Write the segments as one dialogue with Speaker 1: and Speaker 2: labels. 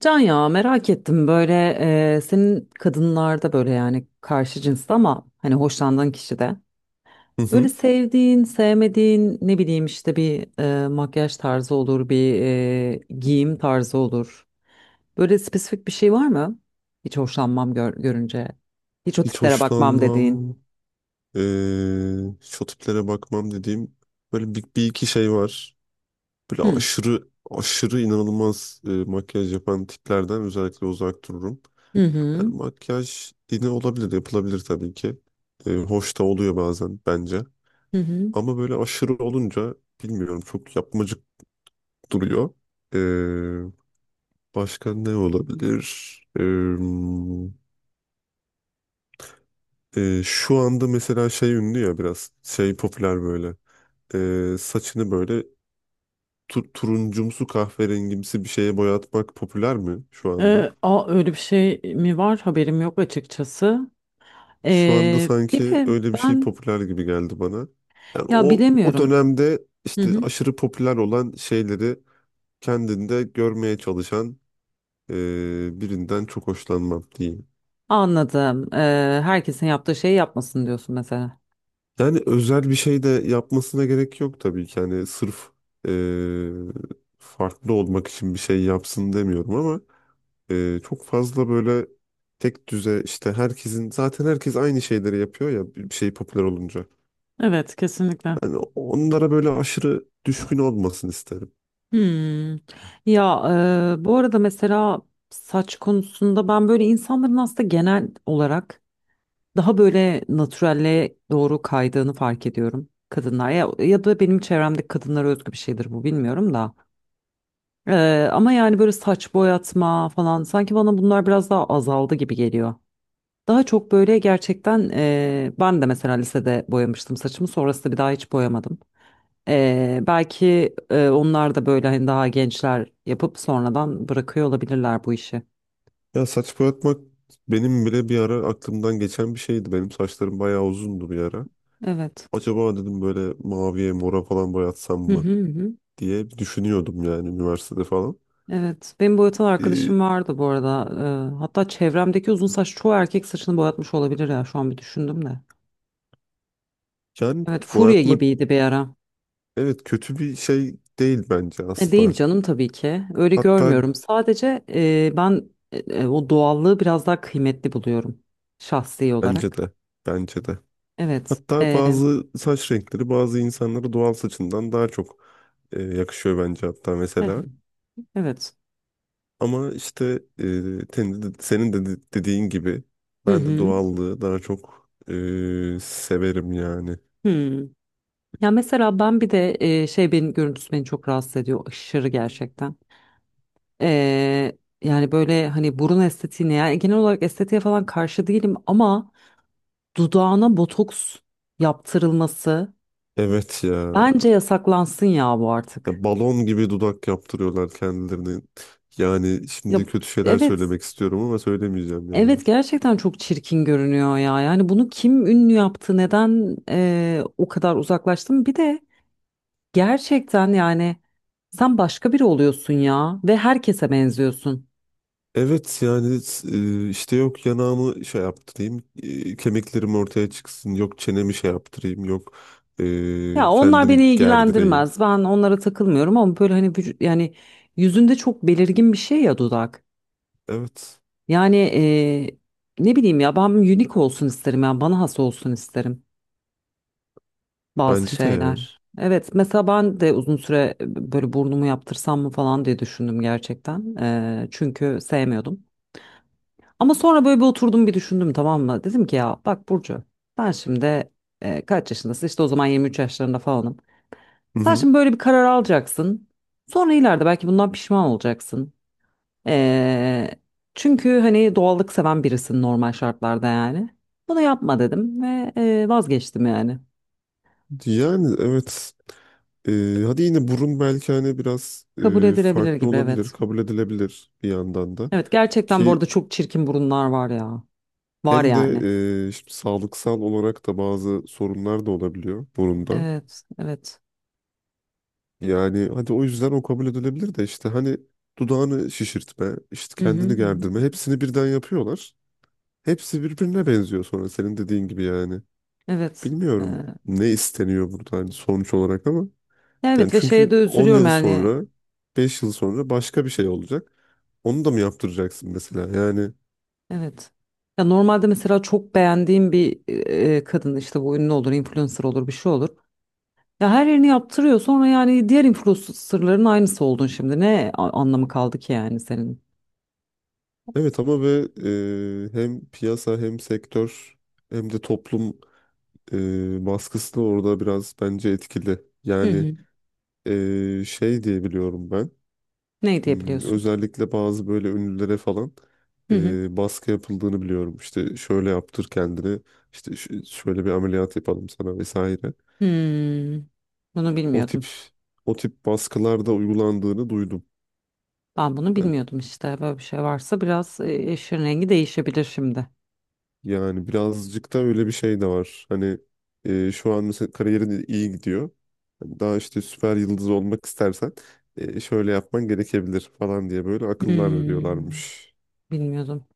Speaker 1: Can, ya merak ettim böyle, senin kadınlarda böyle, yani karşı cinste ama hani hoşlandığın kişide
Speaker 2: Hı
Speaker 1: böyle
Speaker 2: hı.
Speaker 1: sevdiğin sevmediğin, ne bileyim işte bir makyaj tarzı olur, bir giyim tarzı olur. Böyle spesifik bir şey var mı? Hiç hoşlanmam, görünce hiç o
Speaker 2: Hiç
Speaker 1: tiplere bakmam dediğin.
Speaker 2: hoşlanmam, hiç o tiplere bakmam dediğim böyle bir iki şey var. Böyle
Speaker 1: Hı
Speaker 2: aşırı aşırı inanılmaz makyaj yapan tiplerden özellikle uzak dururum.
Speaker 1: hı hı.
Speaker 2: Yani makyaj yine olabilir, yapılabilir tabii ki. Hoş da oluyor bazen bence.
Speaker 1: Hı hı.
Speaker 2: Ama böyle aşırı olunca bilmiyorum çok yapmacık duruyor. Ee, Başka ne olabilir? Şu anda mesela şey ünlü ya biraz şey popüler böyle. Saçını böyle turuncumsu kahverengimsi bir şeye boyatmak popüler mi şu anda?
Speaker 1: Öyle bir şey mi var? Haberim yok açıkçası.
Speaker 2: Şu anda
Speaker 1: Bir
Speaker 2: sanki
Speaker 1: de
Speaker 2: öyle bir şey
Speaker 1: ben,
Speaker 2: popüler gibi geldi bana. Yani
Speaker 1: ya
Speaker 2: o
Speaker 1: bilemiyorum.
Speaker 2: dönemde işte aşırı popüler olan şeyleri kendinde görmeye çalışan birinden çok hoşlanmam diyeyim.
Speaker 1: Anladım. Herkesin yaptığı şeyi yapmasın diyorsun mesela.
Speaker 2: Yani özel bir şey de yapmasına gerek yok tabii ki. Yani sırf farklı olmak için bir şey yapsın demiyorum ama çok fazla böyle tek düze işte herkesin zaten herkes aynı şeyleri yapıyor ya bir şey popüler olunca.
Speaker 1: Evet, kesinlikle.
Speaker 2: Yani onlara böyle aşırı düşkün olmasın isterim.
Speaker 1: Hmm. Ya, bu arada mesela saç konusunda ben böyle insanların aslında genel olarak daha böyle natürelle doğru kaydığını fark ediyorum, kadınlar ya, ya da benim çevremdeki kadınlara özgü bir şeydir bu, bilmiyorum da. Ama yani böyle saç boyatma falan, sanki bana bunlar biraz daha azaldı gibi geliyor. Daha çok böyle gerçekten ben de mesela lisede boyamıştım saçımı. Sonrasında bir daha hiç boyamadım. Belki onlar da böyle hani daha gençler yapıp sonradan bırakıyor olabilirler bu işi.
Speaker 2: Ya saç boyatmak benim bile bir ara aklımdan geçen bir şeydi. Benim saçlarım bayağı uzundu bir ara.
Speaker 1: Evet.
Speaker 2: Acaba dedim böyle maviye mora falan boyatsam
Speaker 1: Hı
Speaker 2: mı
Speaker 1: hı hı.
Speaker 2: diye düşünüyordum yani üniversitede falan.
Speaker 1: Evet. Benim boyatan
Speaker 2: Ee,
Speaker 1: arkadaşım vardı bu arada. Hatta çevremdeki uzun saç çoğu erkek saçını boyatmış olabilir ya, şu an bir düşündüm de.
Speaker 2: Yani
Speaker 1: Evet, furya
Speaker 2: boyatmak
Speaker 1: gibiydi bir ara.
Speaker 2: evet kötü bir şey değil bence
Speaker 1: E, değil
Speaker 2: asla.
Speaker 1: canım, tabii ki. Öyle
Speaker 2: Hatta
Speaker 1: görmüyorum. Sadece ben, o doğallığı biraz daha kıymetli buluyorum şahsi
Speaker 2: bence
Speaker 1: olarak.
Speaker 2: de bence de.
Speaker 1: Evet.
Speaker 2: Hatta
Speaker 1: E,
Speaker 2: bazı saç renkleri bazı insanlara doğal saçından daha çok yakışıyor bence hatta
Speaker 1: eh,
Speaker 2: mesela.
Speaker 1: evet.
Speaker 2: Ama işte e, senin de dediğin gibi
Speaker 1: Hı
Speaker 2: ben de
Speaker 1: hı.
Speaker 2: doğallığı daha çok severim yani.
Speaker 1: Hı. Ya mesela ben bir de şey, benim görüntüsü beni çok rahatsız ediyor aşırı gerçekten. E, Yani böyle hani burun estetiğine, yani genel olarak estetiğe falan karşı değilim ama dudağına botoks yaptırılması
Speaker 2: Evet ya.
Speaker 1: bence yasaklansın ya bu artık.
Speaker 2: Ya balon gibi dudak yaptırıyorlar kendilerini. Yani
Speaker 1: Ya
Speaker 2: şimdi kötü şeyler
Speaker 1: evet.
Speaker 2: söylemek istiyorum ama söylemeyeceğim yani.
Speaker 1: Evet, gerçekten çok çirkin görünüyor ya. Yani bunu kim ünlü yaptı? Neden o kadar uzaklaştım? Bir de gerçekten yani, sen başka biri oluyorsun ya ve herkese benziyorsun.
Speaker 2: Evet yani işte yok yanağımı şey yaptırayım, kemiklerim ortaya çıksın, yok çenemi şey yaptırayım, yok
Speaker 1: Ya onlar
Speaker 2: kendimi
Speaker 1: beni
Speaker 2: gerdireyim.
Speaker 1: ilgilendirmez. Ben onlara takılmıyorum ama böyle hani yani yüzünde çok belirgin bir şey ya, dudak.
Speaker 2: Evet
Speaker 1: Yani ne bileyim ya, ben unique olsun isterim, yani bana has olsun isterim bazı
Speaker 2: bence de yani.
Speaker 1: şeyler. Evet, mesela ben de uzun süre böyle burnumu yaptırsam mı falan diye düşündüm gerçekten. Çünkü sevmiyordum. Ama sonra böyle bir oturdum, bir düşündüm, tamam mı? Dedim ki ya bak Burcu, ben şimdi, kaç yaşındasın? İşte o zaman 23 yaşlarında falanım.
Speaker 2: Hı
Speaker 1: Sen
Speaker 2: hı.
Speaker 1: şimdi böyle bir karar alacaksın. Sonra ileride belki bundan pişman olacaksın. Ee, Çünkü hani doğallık seven birisin normal şartlarda yani. Bunu yapma dedim ve vazgeçtim yani.
Speaker 2: Yani evet. E, Hadi yine burun belki hani biraz
Speaker 1: Kabul edilebilir
Speaker 2: farklı
Speaker 1: gibi,
Speaker 2: olabilir,
Speaker 1: evet.
Speaker 2: kabul edilebilir bir yandan da.
Speaker 1: Evet, gerçekten bu arada
Speaker 2: Ki
Speaker 1: çok çirkin burunlar var ya. Var
Speaker 2: hem de
Speaker 1: yani.
Speaker 2: şimdi sağlıksal olarak da bazı sorunlar da olabiliyor burunda.
Speaker 1: Evet, evet.
Speaker 2: Yani hadi o yüzden o kabul edilebilir de işte hani dudağını şişirtme, işte
Speaker 1: Hı hı. Hı
Speaker 2: kendini gerdirme
Speaker 1: hı.
Speaker 2: hepsini birden yapıyorlar. Hepsi birbirine benziyor sonra senin dediğin gibi yani.
Speaker 1: Evet. Ee,
Speaker 2: Bilmiyorum ne isteniyor burada hani sonuç olarak ama.
Speaker 1: Ya
Speaker 2: Yani
Speaker 1: evet, ve şeye de
Speaker 2: çünkü 10
Speaker 1: üzülüyorum
Speaker 2: yıl
Speaker 1: yani.
Speaker 2: sonra, 5 yıl sonra başka bir şey olacak. Onu da mı yaptıracaksın mesela? Yani
Speaker 1: Evet. Ya normalde mesela çok beğendiğim bir kadın, işte bu ünlü olur, influencer olur, bir şey olur. Ya her yerini yaptırıyor. Sonra yani diğer influencerların aynısı oldun şimdi. Anlamı kaldı ki yani senin?
Speaker 2: evet ama ve hem piyasa hem sektör hem de toplum baskısı da orada biraz bence etkili.
Speaker 1: Hı
Speaker 2: Yani
Speaker 1: hı.
Speaker 2: şey diye biliyorum ben.
Speaker 1: Ne
Speaker 2: Hmm,
Speaker 1: diyebiliyorsun?
Speaker 2: özellikle bazı böyle ünlülere falan
Speaker 1: Hı hı.
Speaker 2: baskı yapıldığını biliyorum. İşte şöyle yaptır kendini, işte şöyle bir ameliyat yapalım sana vesaire.
Speaker 1: Hmm. Bunu
Speaker 2: O tip
Speaker 1: bilmiyordum.
Speaker 2: O tip baskılar da uygulandığını duydum.
Speaker 1: Ben bunu
Speaker 2: Yani
Speaker 1: bilmiyordum işte. Böyle bir şey varsa biraz işin rengi değişebilir şimdi.
Speaker 2: Yani birazcık da öyle bir şey de var. Hani şu an mesela kariyerin iyi gidiyor. Hani daha işte süper yıldız olmak istersen şöyle yapman gerekebilir falan diye böyle akıllar
Speaker 1: Hmm.
Speaker 2: veriyorlarmış.
Speaker 1: Bilmiyordum.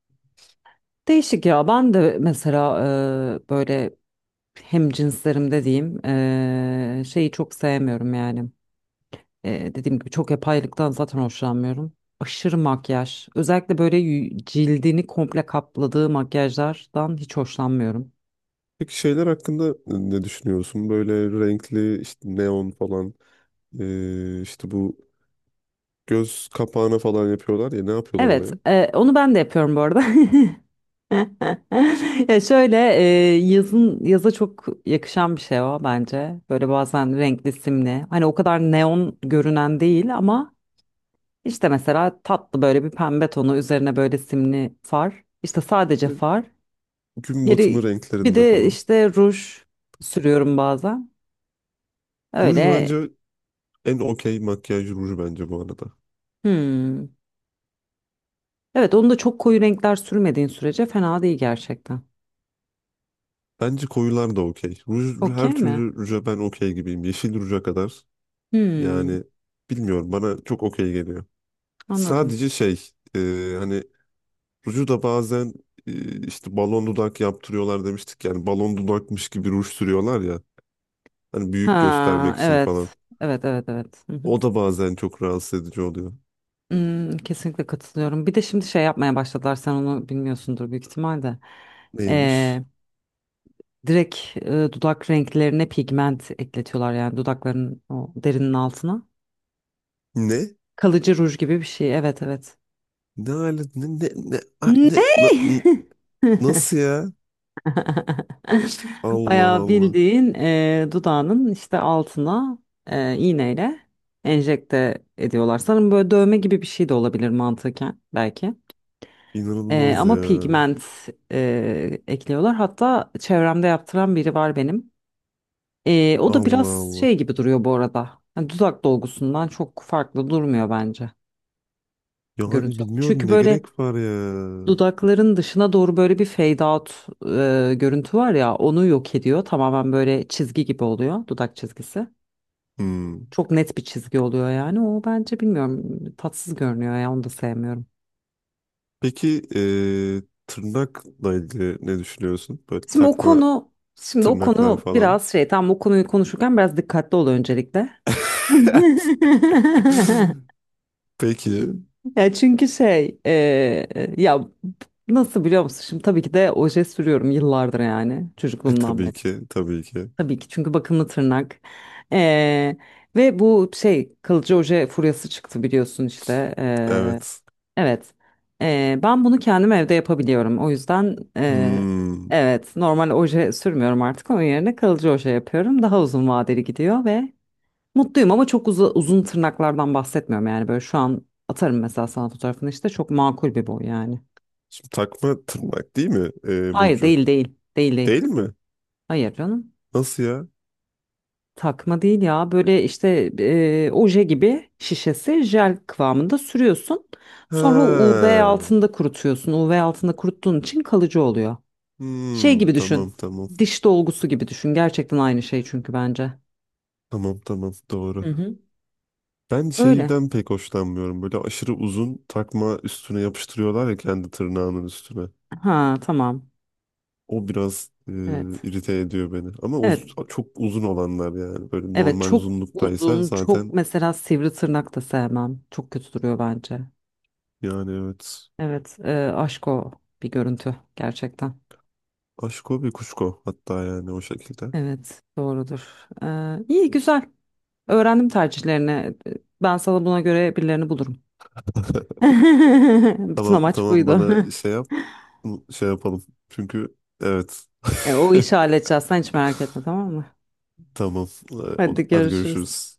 Speaker 1: Değişik ya. Ben de mesela böyle hem cinslerimde diyeyim, şeyi çok sevmiyorum yani. E, dediğim gibi çok yapaylıktan zaten hoşlanmıyorum. Aşırı makyaj. Özellikle böyle cildini komple kapladığı makyajlardan hiç hoşlanmıyorum.
Speaker 2: Peki şeyler hakkında ne düşünüyorsun? Böyle renkli işte neon falan işte bu göz kapağına falan yapıyorlar ya ne yapıyorlar
Speaker 1: Evet,
Speaker 2: oraya?
Speaker 1: onu ben de yapıyorum bu arada. Ya şöyle, yazın, yaza çok yakışan bir şey o bence. Böyle bazen renkli, simli. Hani o kadar neon görünen değil ama işte mesela tatlı böyle bir pembe tonu üzerine böyle simli far. İşte sadece
Speaker 2: Böyle
Speaker 1: far.
Speaker 2: gün
Speaker 1: Geri,
Speaker 2: batımı
Speaker 1: bir
Speaker 2: renklerinde
Speaker 1: de
Speaker 2: falan.
Speaker 1: işte ruj sürüyorum bazen.
Speaker 2: Ruj
Speaker 1: Öyle.
Speaker 2: bence en okey makyaj ruju bence bu arada.
Speaker 1: Hmm. Evet, onu da çok koyu renkler sürmediğin sürece fena değil gerçekten.
Speaker 2: Bence koyular da okey. Ruj, her
Speaker 1: Okey mi?
Speaker 2: türlü ruja ben okey gibiyim. Yeşil ruja kadar.
Speaker 1: Hmm,
Speaker 2: Yani bilmiyorum bana çok okey geliyor.
Speaker 1: anladım.
Speaker 2: Sadece şey hani ruju da bazen işte balon dudak yaptırıyorlar demiştik. Yani balon dudakmış gibi ruj sürüyorlar ya. Hani büyük
Speaker 1: Ha
Speaker 2: göstermek için falan.
Speaker 1: evet. Evet, evet, evet.
Speaker 2: O da bazen çok rahatsız edici oluyor.
Speaker 1: Hmm, kesinlikle katılıyorum. Bir de şimdi şey yapmaya başladılar. Sen onu bilmiyorsundur büyük ihtimalle.
Speaker 2: Neymiş?
Speaker 1: Ee, Direkt dudak renklerine pigment ekletiyorlar, yani dudakların o derinin altına.
Speaker 2: Ne?
Speaker 1: Kalıcı ruj gibi bir şey. Evet, evet.
Speaker 2: Ne hale- ne ne ne, a-
Speaker 1: Ne?
Speaker 2: ne- na- n- nasıl ya? Allah
Speaker 1: Bayağı
Speaker 2: Allah.
Speaker 1: bildiğin, dudağının işte altına iğneyle enjekte ediyorlar. Sanırım böyle dövme gibi bir şey de olabilir mantıken belki.
Speaker 2: İnanılmaz
Speaker 1: Ama
Speaker 2: ya.
Speaker 1: pigment ekliyorlar. Hatta çevremde yaptıran biri var benim. O da
Speaker 2: Allah
Speaker 1: biraz
Speaker 2: Allah.
Speaker 1: şey gibi duruyor bu arada. Yani dudak dolgusundan çok farklı durmuyor bence
Speaker 2: Yani
Speaker 1: görüntü.
Speaker 2: bilmiyorum
Speaker 1: Çünkü
Speaker 2: ne
Speaker 1: böyle
Speaker 2: gerek var ya.
Speaker 1: dudakların dışına doğru böyle bir fade out görüntü var ya, onu yok ediyor. Tamamen böyle çizgi gibi oluyor, dudak çizgisi.
Speaker 2: Hmm.
Speaker 1: Çok net bir çizgi oluyor yani. O bence, bilmiyorum, tatsız görünüyor ya, onu da sevmiyorum.
Speaker 2: Peki eee, tırnakla ilgili ne düşünüyorsun? Böyle
Speaker 1: Şimdi o
Speaker 2: takma
Speaker 1: konu Şimdi o
Speaker 2: tırnaklar
Speaker 1: konu
Speaker 2: falan.
Speaker 1: biraz şey, tam o konuyu konuşurken biraz dikkatli ol öncelikle.
Speaker 2: Peki.
Speaker 1: Ya çünkü şey, ya, nasıl biliyor musun? Şimdi tabii ki de oje sürüyorum yıllardır, yani çocukluğumdan beri.
Speaker 2: Tabii ki.
Speaker 1: Tabii ki, çünkü bakımlı tırnak. E, ve bu şey, kalıcı oje furyası çıktı biliyorsun işte.
Speaker 2: Evet.
Speaker 1: Evet. Ben bunu kendim evde yapabiliyorum. O yüzden
Speaker 2: Hmm.
Speaker 1: evet, normal oje sürmüyorum artık. Onun yerine kalıcı oje yapıyorum. Daha uzun vadeli gidiyor ve mutluyum, ama çok uzun tırnaklardan bahsetmiyorum. Yani böyle şu an atarım mesela sana fotoğrafını, işte çok makul bir boy yani.
Speaker 2: Şimdi takma tırnak değil mi
Speaker 1: Hayır,
Speaker 2: Burcu?
Speaker 1: değil, değil. Değil değil.
Speaker 2: Değil mi?
Speaker 1: Hayır canım.
Speaker 2: Nasıl ya?
Speaker 1: Takma değil ya. Böyle işte oje gibi şişesi, jel kıvamında sürüyorsun. Sonra
Speaker 2: Ha.
Speaker 1: UV altında kurutuyorsun. UV altında kuruttuğun için kalıcı oluyor. Şey
Speaker 2: Hmm,
Speaker 1: gibi
Speaker 2: tamam
Speaker 1: düşün.
Speaker 2: tamam.
Speaker 1: Diş dolgusu gibi düşün. Gerçekten aynı şey çünkü bence.
Speaker 2: Tamam tamam
Speaker 1: Hı
Speaker 2: doğru.
Speaker 1: hı.
Speaker 2: Ben
Speaker 1: Öyle.
Speaker 2: şeyden pek hoşlanmıyorum. Böyle aşırı uzun takma üstüne yapıştırıyorlar ya kendi tırnağının üstüne.
Speaker 1: Ha tamam.
Speaker 2: O biraz
Speaker 1: Evet.
Speaker 2: irite ediyor beni. Ama
Speaker 1: Evet.
Speaker 2: çok uzun olanlar yani. Böyle
Speaker 1: Evet,
Speaker 2: normal
Speaker 1: çok
Speaker 2: uzunluktaysa
Speaker 1: uzun, çok
Speaker 2: zaten
Speaker 1: mesela sivri tırnak da sevmem. Çok kötü duruyor bence.
Speaker 2: yani evet.
Speaker 1: Evet. E, aşk o bir görüntü gerçekten.
Speaker 2: Aşko bir kuşko hatta yani o şekilde.
Speaker 1: Evet, doğrudur. E, iyi güzel. Öğrendim tercihlerini. E, ben sana buna göre birilerini bulurum. Bütün
Speaker 2: Tamam
Speaker 1: amaç
Speaker 2: tamam
Speaker 1: buydu.
Speaker 2: bana şey yap şey yapalım. Çünkü evet
Speaker 1: E, o işi halledeceğiz. Sen hiç merak etme, tamam mı?
Speaker 2: tamam.
Speaker 1: Hadi
Speaker 2: Hadi
Speaker 1: görüşürüz.
Speaker 2: görüşürüz.